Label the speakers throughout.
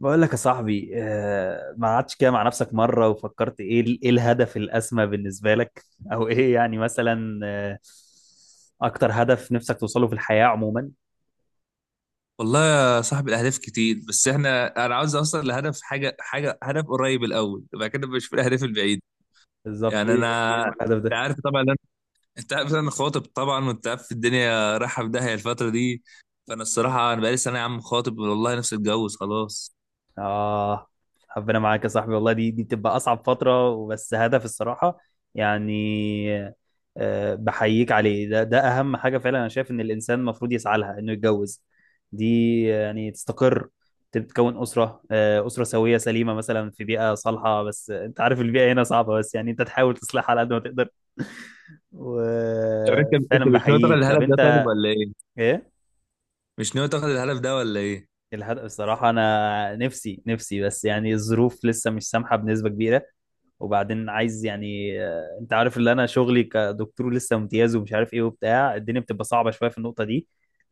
Speaker 1: بقول لك يا صاحبي ما قعدتش كده مع نفسك مرة وفكرت ايه ايه الهدف الأسمى بالنسبة لك او ايه يعني مثلا اكتر هدف نفسك توصله في الحياة عموما.
Speaker 2: والله يا صاحبي الاهداف كتير بس انا عاوز اوصل لهدف حاجه هدف قريب الاول، وبعد كده بشوف الاهداف البعيده.
Speaker 1: بالظبط
Speaker 2: يعني
Speaker 1: ايه؟ ايه
Speaker 2: انا،
Speaker 1: هو الهدف
Speaker 2: انت
Speaker 1: ده؟
Speaker 2: عارف طبعا أنا... انت عارف انا خاطب طبعا، وانت عارف الدنيا رايحه في داهيه الفتره دي. فانا الصراحه انا بقالي سنه يا عم خاطب، والله نفسي اتجوز خلاص.
Speaker 1: آه، ربنا معاك يا صاحبي، والله دي بتبقى أصعب فترة، وبس هدف الصراحة يعني. آه، بحييك عليه، ده أهم حاجة فعلا، أنا شايف إن الإنسان المفروض يسعى لها إنه يتجوز، دي يعني تستقر، تتكون أسرة، آه، أسرة سوية سليمة مثلا في بيئة صالحة. بس أنت عارف البيئة هنا صعبة، بس يعني أنت تحاول تصلحها على قد ما تقدر.
Speaker 2: طب انت
Speaker 1: وفعلا
Speaker 2: مش ناوي تاخد
Speaker 1: بحييك.
Speaker 2: الهدف
Speaker 1: طب
Speaker 2: ده طيب
Speaker 1: أنت؟
Speaker 2: ولا ايه؟
Speaker 1: إيه؟
Speaker 2: مش ناوي تاخد الهدف ده ولا ايه؟
Speaker 1: الهدف الصراحة أنا نفسي بس، يعني الظروف لسه مش سامحة بنسبة كبيرة. وبعدين عايز يعني انت عارف اللي انا شغلي كدكتور لسه امتياز ومش عارف ايه وبتاع، الدنيا بتبقى صعبة شوية في النقطة دي.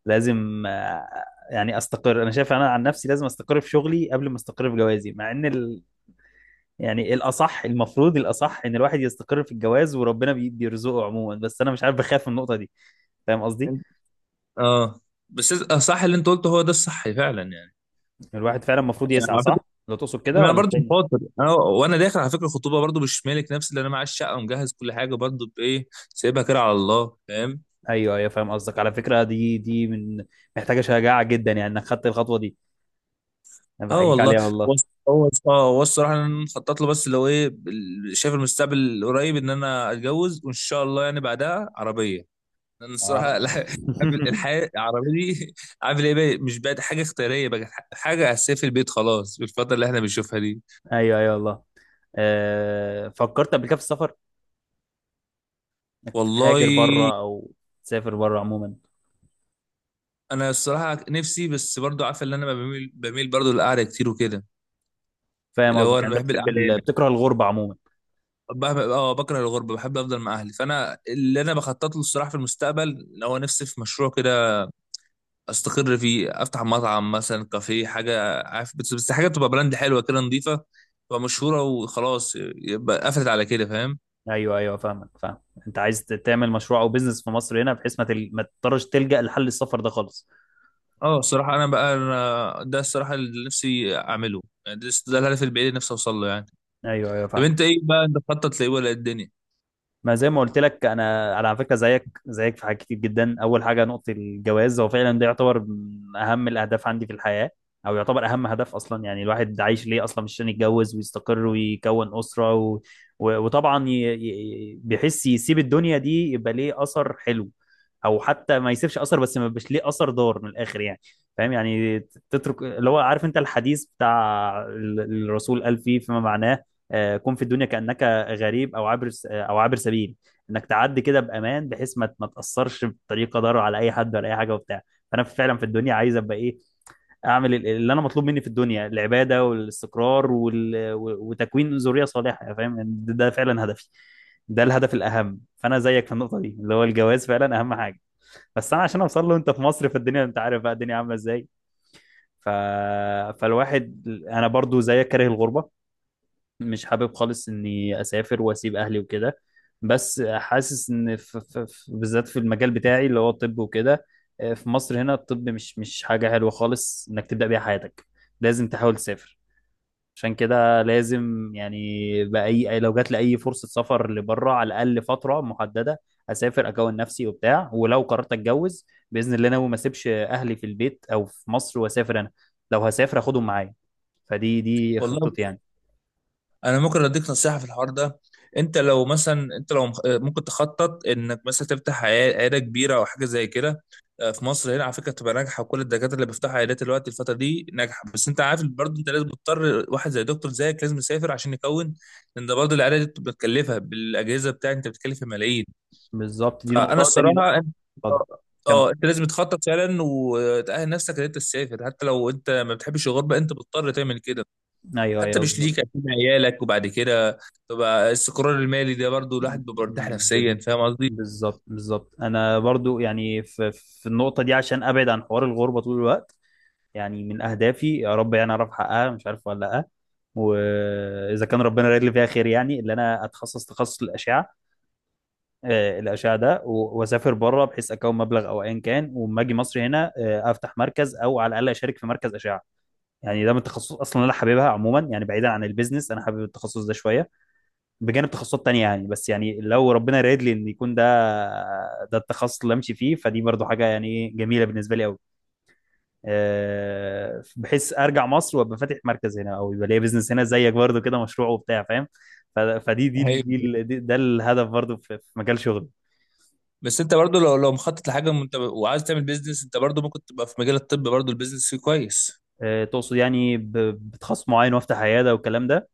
Speaker 1: لازم يعني استقر، انا شايف انا عن نفسي لازم استقر في شغلي قبل ما استقر في جوازي. مع ان يعني الاصح، المفروض الاصح ان الواحد يستقر في الجواز وربنا بيرزقه عموما، بس انا مش عارف بخاف من النقطة دي، فاهم قصدي؟
Speaker 2: انت. اه، بس صح اللي انت قلته، هو ده الصح فعلا يعني.
Speaker 1: الواحد فعلا المفروض يسعى،
Speaker 2: على فكره
Speaker 1: صح؟ لو تقصد كده
Speaker 2: انا
Speaker 1: ولا
Speaker 2: برضو
Speaker 1: التاني؟
Speaker 2: خاطر، انا وانا داخل على فكره الخطوبه برضو مش مالك نفسي، اللي انا معايا الشقه ومجهز كل حاجه، برضو بايه سايبها كده على الله، فاهم.
Speaker 1: ايوه ايوه فاهم قصدك. على فكرة دي من، محتاجة شجاعة جدا يعني، انك خدت الخطوة دي. انا
Speaker 2: اه
Speaker 1: بحييك
Speaker 2: والله.
Speaker 1: عليها والله.
Speaker 2: هو هو الصراحه انا مخطط له، بس اللي هو ايه شايف المستقبل القريب ان انا اتجوز، وان شاء الله يعني بعدها عربيه. لان
Speaker 1: اه.
Speaker 2: الصراحه الحياه العربيه دي عامل ايه بقى، مش بقت حاجه اختياريه، بقت حاجه اساسيه في البيت خلاص بالفتره اللي احنا بنشوفها دي.
Speaker 1: ايوه ايوه والله. آه، فكرت قبل كده في السفر؟ تهاجر بره
Speaker 2: والله
Speaker 1: او تسافر بره عموما؟
Speaker 2: انا الصراحه نفسي، بس برضو عارف ان انا بميل برضو للقعده كتير وكده.
Speaker 1: فاهم
Speaker 2: اللي هو
Speaker 1: قصدك.
Speaker 2: انا
Speaker 1: يعني انت
Speaker 2: بحب
Speaker 1: بتحب
Speaker 2: القعده هنا.
Speaker 1: بتكره الغربه عموما.
Speaker 2: اه، بكره الغربه، بحب افضل مع اهلي. فانا اللي انا بخطط له الصراحه في المستقبل اللي هو نفسي في مشروع كده استقر فيه، افتح مطعم مثلا، كافيه، حاجه عارف، بس حاجه تبقى براند حلوه كده، نظيفه، تبقى مشهوره، وخلاص يبقى قفلت على كده، فاهم.
Speaker 1: ايوه ايوه فاهمك، فاهم. انت عايز تعمل مشروع او بيزنس في مصر هنا، بحيث ما، ما تضطرش تلجأ لحل السفر ده خالص.
Speaker 2: اه الصراحه انا بقى، أنا ده الصراحه اللي نفسي اعمله. يعني ده الهدف البعيد اللي نفسي اوصل له يعني.
Speaker 1: ايوه ايوه
Speaker 2: طب
Speaker 1: فاهم.
Speaker 2: انت ايه بقى، انت بتخطط لايه، ولا إيه الدنيا؟
Speaker 1: ما زي ما قلت لك، انا على فكره زيك، زيك في حاجات كتير جدا. اول حاجه نقطه الجواز، هو فعلا ده يعتبر من اهم الاهداف عندي في الحياه، او يعتبر اهم هدف اصلا. يعني الواحد عايش ليه اصلا؟ مش عشان يتجوز ويستقر ويكون اسره و... و... وطبعا بيحس يسيب الدنيا دي يبقى ليه اثر حلو، او حتى ما يسيبش اثر، بس ما يبقاش ليه اثر ضار من الاخر يعني، فاهم يعني؟ تترك اللي هو، عارف انت الحديث بتاع الرسول قال فيه، فيما معناه، كن في الدنيا كأنك غريب او او عابر سبيل. انك تعدي كده بامان، بحيث ما تاثرش بطريقه ضار على اي حد ولا اي حاجه وبتاع. فانا فعلا في الدنيا عايز ابقى ايه، اعمل اللي انا مطلوب مني في الدنيا، العباده والاستقرار وال... و- وتكوين ذريه صالحه، يعني فاهم يعني؟ ده فعلا هدفي، ده الهدف الاهم. فانا زيك في النقطه دي، اللي هو الجواز فعلا اهم حاجه. بس انا عشان اوصل له، انت في مصر في الدنيا انت عارف بقى الدنيا عامله ازاي. ف... فالواحد، انا برضو زيك كاره الغربه، مش حابب خالص اني اسافر واسيب اهلي وكده. بس حاسس ان في بالذات في المجال بتاعي اللي هو الطب وكده، في مصر هنا الطب مش حاجة حلوة خالص انك تبدأ بيها حياتك، لازم تحاول تسافر. عشان كده لازم يعني، بأي لو جات لي اي فرصة سفر لبره على الاقل فترة محددة، اسافر اكون نفسي وبتاع. ولو قررت اتجوز باذن الله، ناوي ما اسيبش اهلي في البيت او في مصر واسافر انا، لو هسافر اخدهم معايا. فدي
Speaker 2: والله
Speaker 1: خطتي يعني.
Speaker 2: انا ممكن اديك نصيحه في الحوار ده. انت لو مثلا، ممكن تخطط انك مثلا تفتح عياده كبيره او حاجه زي كده. آه، في مصر هنا على فكره بتبقى ناجحه، وكل الدكاتره اللي بيفتحوا عيادات دلوقتي الفتره دي ناجحه. بس انت عارف برضه، انت لازم تضطر، واحد زي دكتور زيك لازم يسافر عشان يكون. لان ده برضه العياده دي بتبقى متكلفه، بالاجهزه بتاعك انت بتتكلف في ملايين.
Speaker 1: بالظبط، دي
Speaker 2: فانا
Speaker 1: نقطة تاني.
Speaker 2: الصراحه اه.
Speaker 1: اتفضل. كم؟
Speaker 2: آه، انت لازم تخطط فعلا وتأهل نفسك ان انت تسافر، حتى لو انت ما بتحبش الغربه انت بتضطر تعمل كده.
Speaker 1: ايوه
Speaker 2: حتى
Speaker 1: ايوه
Speaker 2: مش
Speaker 1: بالظبط.
Speaker 2: ليك، اكيد عيالك، وبعد كده تبقى السكران المالي ده برضو، الواحد بيبقى مرتاح
Speaker 1: بز-
Speaker 2: نفسيا، فاهم قصدي.
Speaker 1: بالظبط بالظبط. انا برضو يعني في في النقطه دي، عشان ابعد عن حوار الغربه طول الوقت، يعني من اهدافي يا رب يعني اعرف احققها، مش عارف ولا لا. واذا كان ربنا رايد لي فيها خير، يعني اللي انا اتخصص تخصص الاشعه. آه، الاشعه ده واسافر بره بحيث اكون مبلغ او ايا كان، واما اجي مصر هنا افتح مركز او على الاقل اشارك في مركز اشعه. يعني ده من التخصص اصلا اللي انا حاببها عموما، يعني بعيدا عن البيزنس انا حابب التخصص ده شويه، بجانب تخصصات تانية يعني. بس يعني لو ربنا رايد لي ان يكون ده ده التخصص اللي امشي فيه، فدي برضو حاجه يعني ايه جميله بالنسبه لي قوي. أه، بحيث ارجع مصر وابقى فاتح مركز هنا، او يبقى ليا بزنس هنا زيك برضو كده، مشروع وبتاع، فاهم؟ ف- فدي دي, ال- دي,
Speaker 2: ايوه.
Speaker 1: ال- دي ده الهدف برضو في في مجال شغلي.
Speaker 2: بس انت برضو لو مخطط لحاجه وانت وعايز تعمل بيزنس، انت برضو ممكن تبقى في مجال الطب، برضو البيزنس فيه كويس.
Speaker 1: أه تقصد يعني بتخصص معين وافتح عياده والكلام ده.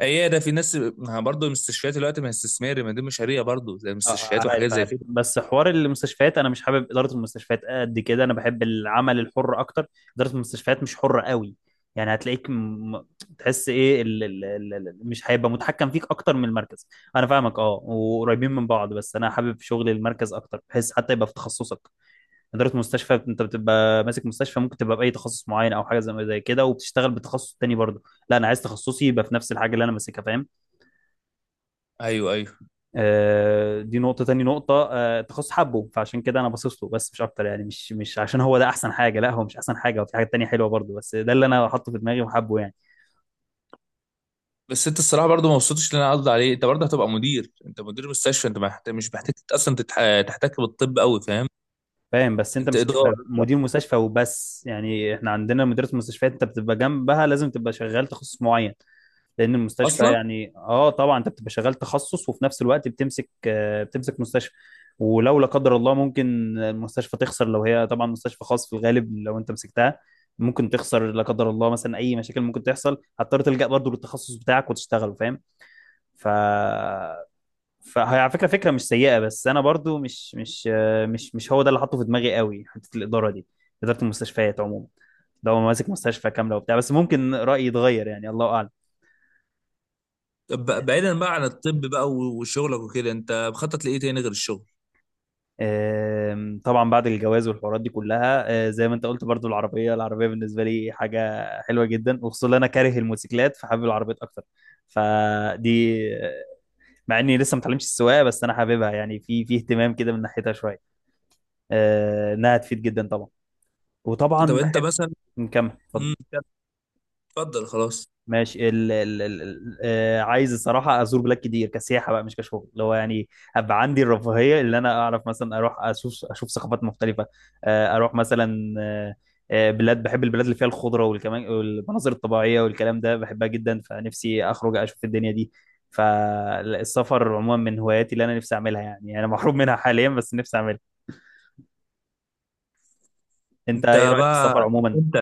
Speaker 2: هي ده في ناس، ما برضو المستشفيات دلوقتي ما هي استثماري، ما دي مشاريع برضو، زي
Speaker 1: اه
Speaker 2: المستشفيات وحاجات
Speaker 1: عارف
Speaker 2: زي
Speaker 1: عارف،
Speaker 2: كده.
Speaker 1: بس حوار المستشفيات انا مش حابب اداره المستشفيات قد كده، انا بحب العمل الحر اكتر. اداره المستشفيات مش حره قوي، يعني هتلاقيك تحس ايه مش هيبقى متحكم فيك اكتر من المركز. انا فاهمك، اه، وقريبين من بعض، بس انا حابب شغل المركز اكتر، بحيث حتى يبقى في تخصصك. اداره مستشفى انت بتبقى ماسك مستشفى، ممكن تبقى باي تخصص معين او حاجه زي كده وبتشتغل بتخصص تاني برضه. لا انا عايز تخصصي يبقى في نفس الحاجه اللي انا ماسكها، فاهم؟
Speaker 2: ايوه ايوه.
Speaker 1: آه، دي نقطة تاني. نقطة آه، تخص حبه، فعشان كده أنا باصص له بس مش أكتر. يعني مش عشان هو ده أحسن حاجة، لا هو مش أحسن حاجة، وفي حاجات تانية حلوة برضه، بس ده اللي أنا حاطه في دماغي وحبه يعني.
Speaker 2: بس انت الصراحه برضو ما وصلتش اللي انا قصدي عليه، انت برضو هتبقى مدير، انت مدير مستشفى، انت ما محت... مش محتاج اصلا تتح... تحتك بالطب قوي، فاهم.
Speaker 1: فاهم بس أنت
Speaker 2: انت
Speaker 1: مش تبقى
Speaker 2: اداره
Speaker 1: مدير مستشفى وبس يعني، إحنا عندنا مديرة المستشفيات أنت بتبقى جنبها، لازم تبقى شغال تخصص معين. لان المستشفى
Speaker 2: اصلا.
Speaker 1: يعني، اه طبعا انت بتبقى شغال تخصص وفي نفس الوقت بتمسك، بتمسك مستشفى. ولو لا قدر الله ممكن المستشفى تخسر، لو هي طبعا مستشفى خاص في الغالب لو انت مسكتها، ممكن تخسر لا قدر الله، مثلا اي مشاكل ممكن تحصل هتضطر تلجأ برضه للتخصص بتاعك وتشتغل، فاهم؟ ف فهي على فكره، فكره مش سيئه، بس انا برضو مش مش هو ده اللي حاطه في دماغي قوي، حته الاداره دي، اداره المستشفيات عموما. لو ماسك مستشفى كامله وبتاع، بس ممكن رايي يتغير يعني، الله اعلم.
Speaker 2: طب بعيدا بقى عن الطب بقى وشغلك وكده، انت مخطط لايه تاني غير الشغل؟
Speaker 1: آم، طبعا بعد الجواز والحوارات دي كلها، زي ما انت قلت برضو، العربيه بالنسبه لي حاجه حلوه جدا، وخصوصا ان انا كاره الموتوسيكلات، فحابب العربيات اكتر. فدي آه، مع اني لسه ما اتعلمتش السواقه، بس انا حاببها يعني، في في اهتمام كده من ناحيتها شويه، آه، انها تفيد جدا طبعا.
Speaker 2: طب
Speaker 1: وطبعا
Speaker 2: انت
Speaker 1: بحب،
Speaker 2: مثلا.
Speaker 1: نكمل اتفضل.
Speaker 2: امم اتفضل خلاص.
Speaker 1: ماشي عايز الصراحه ازور بلاد كتير كسياحه بقى، مش كشغل، اللي هو يعني ابقى عندي الرفاهيه اللي انا اعرف مثلا اروح اشوف ثقافات مختلفه. اروح مثلا بلاد، بحب البلاد اللي فيها الخضره والكمان والمناظر الطبيعيه والكلام ده، بحبها جدا، فنفسي اخرج اشوف الدنيا دي. فالسفر عموما من هواياتي اللي انا نفسي اعملها، يعني انا محروم منها حاليا بس نفسي اعملها. انت
Speaker 2: انت
Speaker 1: ايه رايك في السفر
Speaker 2: بقى،
Speaker 1: عموما؟
Speaker 2: انت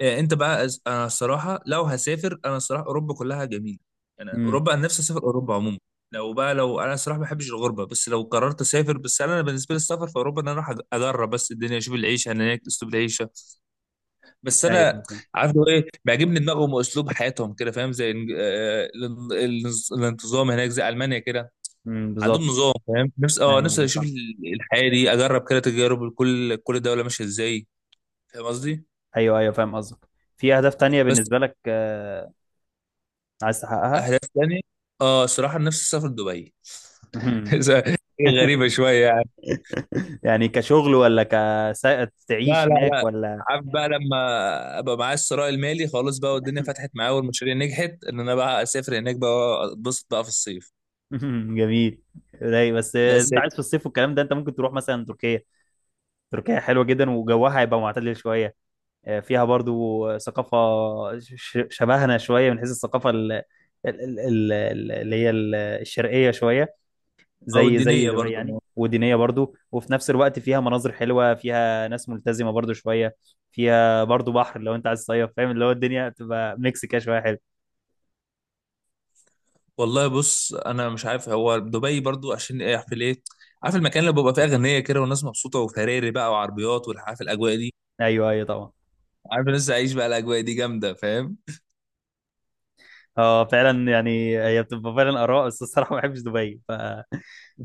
Speaker 2: اه، انت بقى انا الصراحه لو هسافر، انا الصراحه اوروبا كلها جميله. انا
Speaker 1: امم.
Speaker 2: اوروبا، انا نفسي اسافر اوروبا عموما. لو بقى، لو انا الصراحه ما بحبش الغربه، بس لو قررت اسافر، بس انا بالنسبه لي السفر في اوروبا ان انا اروح اجرب بس الدنيا، اشوف العيشه هناك، اسلوب العيشه. بس
Speaker 1: ايوه.
Speaker 2: انا عارف لو ايه بيعجبني، دماغهم واسلوب حياتهم كده، فاهم، زي الانتظام هناك زي المانيا كده.
Speaker 1: امم،
Speaker 2: عندهم
Speaker 1: بالظبط.
Speaker 2: نظام، فاهم. نفس اه
Speaker 1: ايوه
Speaker 2: نفسي
Speaker 1: ايوه
Speaker 2: اشوف
Speaker 1: فاهم.
Speaker 2: الحياه دي، اجرب كده تجارب، كل كل دوله ماشيه ازاي. فاهم قصدي.
Speaker 1: ايوه ايوه فاهم قصدك. في اهداف تانية
Speaker 2: بس.
Speaker 1: بالنسبة لك عايز تحققها؟
Speaker 2: اهداف تاني. اه الصراحه نفسي اسافر دبي.
Speaker 1: مهم.
Speaker 2: إيه، غريبه شويه يعني.
Speaker 1: يعني كشغل ولا كسائق
Speaker 2: لا
Speaker 1: تعيش
Speaker 2: لا
Speaker 1: هناك
Speaker 2: لا.
Speaker 1: ولا؟
Speaker 2: عارف بقى لما ابقى معايا الثراء المالي خلاص بقى، والدنيا فتحت معايا والمشاريع نجحت، ان انا بقى اسافر هناك بقى، اتبسط بقى في الصيف.
Speaker 1: مهم. جميل. رايق، بس انت
Speaker 2: الاساسي.
Speaker 1: عايز في الصيف والكلام ده، انت ممكن تروح مثلا تركيا. تركيا حلوه جدا، وجوها هيبقى معتدل شويه، فيها برضو ثقافه شبهنا شويه، من حيث الثقافه اللي هي الشرقيه شويه،
Speaker 2: او
Speaker 1: زي
Speaker 2: الدينيه
Speaker 1: دبي
Speaker 2: برضه.
Speaker 1: يعني. ودينية برضو وفي نفس الوقت فيها مناظر حلوة، فيها ناس ملتزمة برضو شوية، فيها برضو بحر لو انت عايز تصيف، فاهم؟ اللي هو الدنيا بتبقى ميكس كده شوية حلو.
Speaker 2: والله بص، انا مش عارف هو دبي برضو عشان ايه، عارف ليه. عارف المكان اللي بيبقى فيه اغنيه كده، والناس مبسوطه، وفراري بقى وعربيات، والعارف الاجواء دي.
Speaker 1: ايوه ايوه طبعا.
Speaker 2: عارف الناس تعيش بقى الاجواء دي جامده، فاهم.
Speaker 1: اه فعلا يعني، هي بتبقى فعلا اراء، بس الصراحة ما بحبش دبي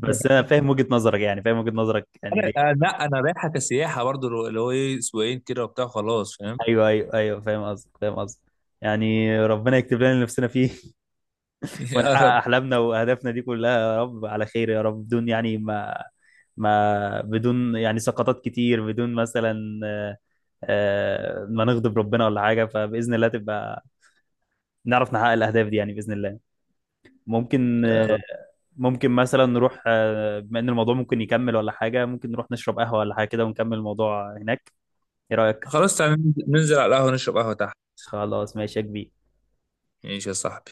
Speaker 1: بس انا فاهم وجهة نظرك يعني، فاهم وجهة نظرك يعني ليه.
Speaker 2: انا آه، لا انا رايحه كسياحه برضو، اللي هو اللي هو ايه اسبوعين كده وبتاع خلاص، فاهم.
Speaker 1: ايوه ايوه ايوه فاهم قصدك، فاهم قصدك. يعني ربنا يكتب لنا اللي نفسنا فيه،
Speaker 2: يا
Speaker 1: ونحقق
Speaker 2: رب.
Speaker 1: احلامنا واهدافنا دي كلها يا رب، على خير يا رب، بدون يعني ما بدون يعني سقطات كتير، بدون مثلا آه، ما نغضب ربنا ولا حاجه. فباذن الله تبقى نعرف نحقق الاهداف دي يعني، باذن الله. ممكن
Speaker 2: يا
Speaker 1: آه،
Speaker 2: رب.
Speaker 1: ممكن مثلا نروح آه، بما ان الموضوع ممكن يكمل ولا حاجه، ممكن نروح نشرب قهوه ولا حاجه كده ونكمل الموضوع هناك، ايه رايك؟
Speaker 2: خلاص تعالى ننزل، ننزل على القهوه، نشرب قهوه تحت.
Speaker 1: خلاص ماشي يا كبير.
Speaker 2: ماشي يا صاحبي.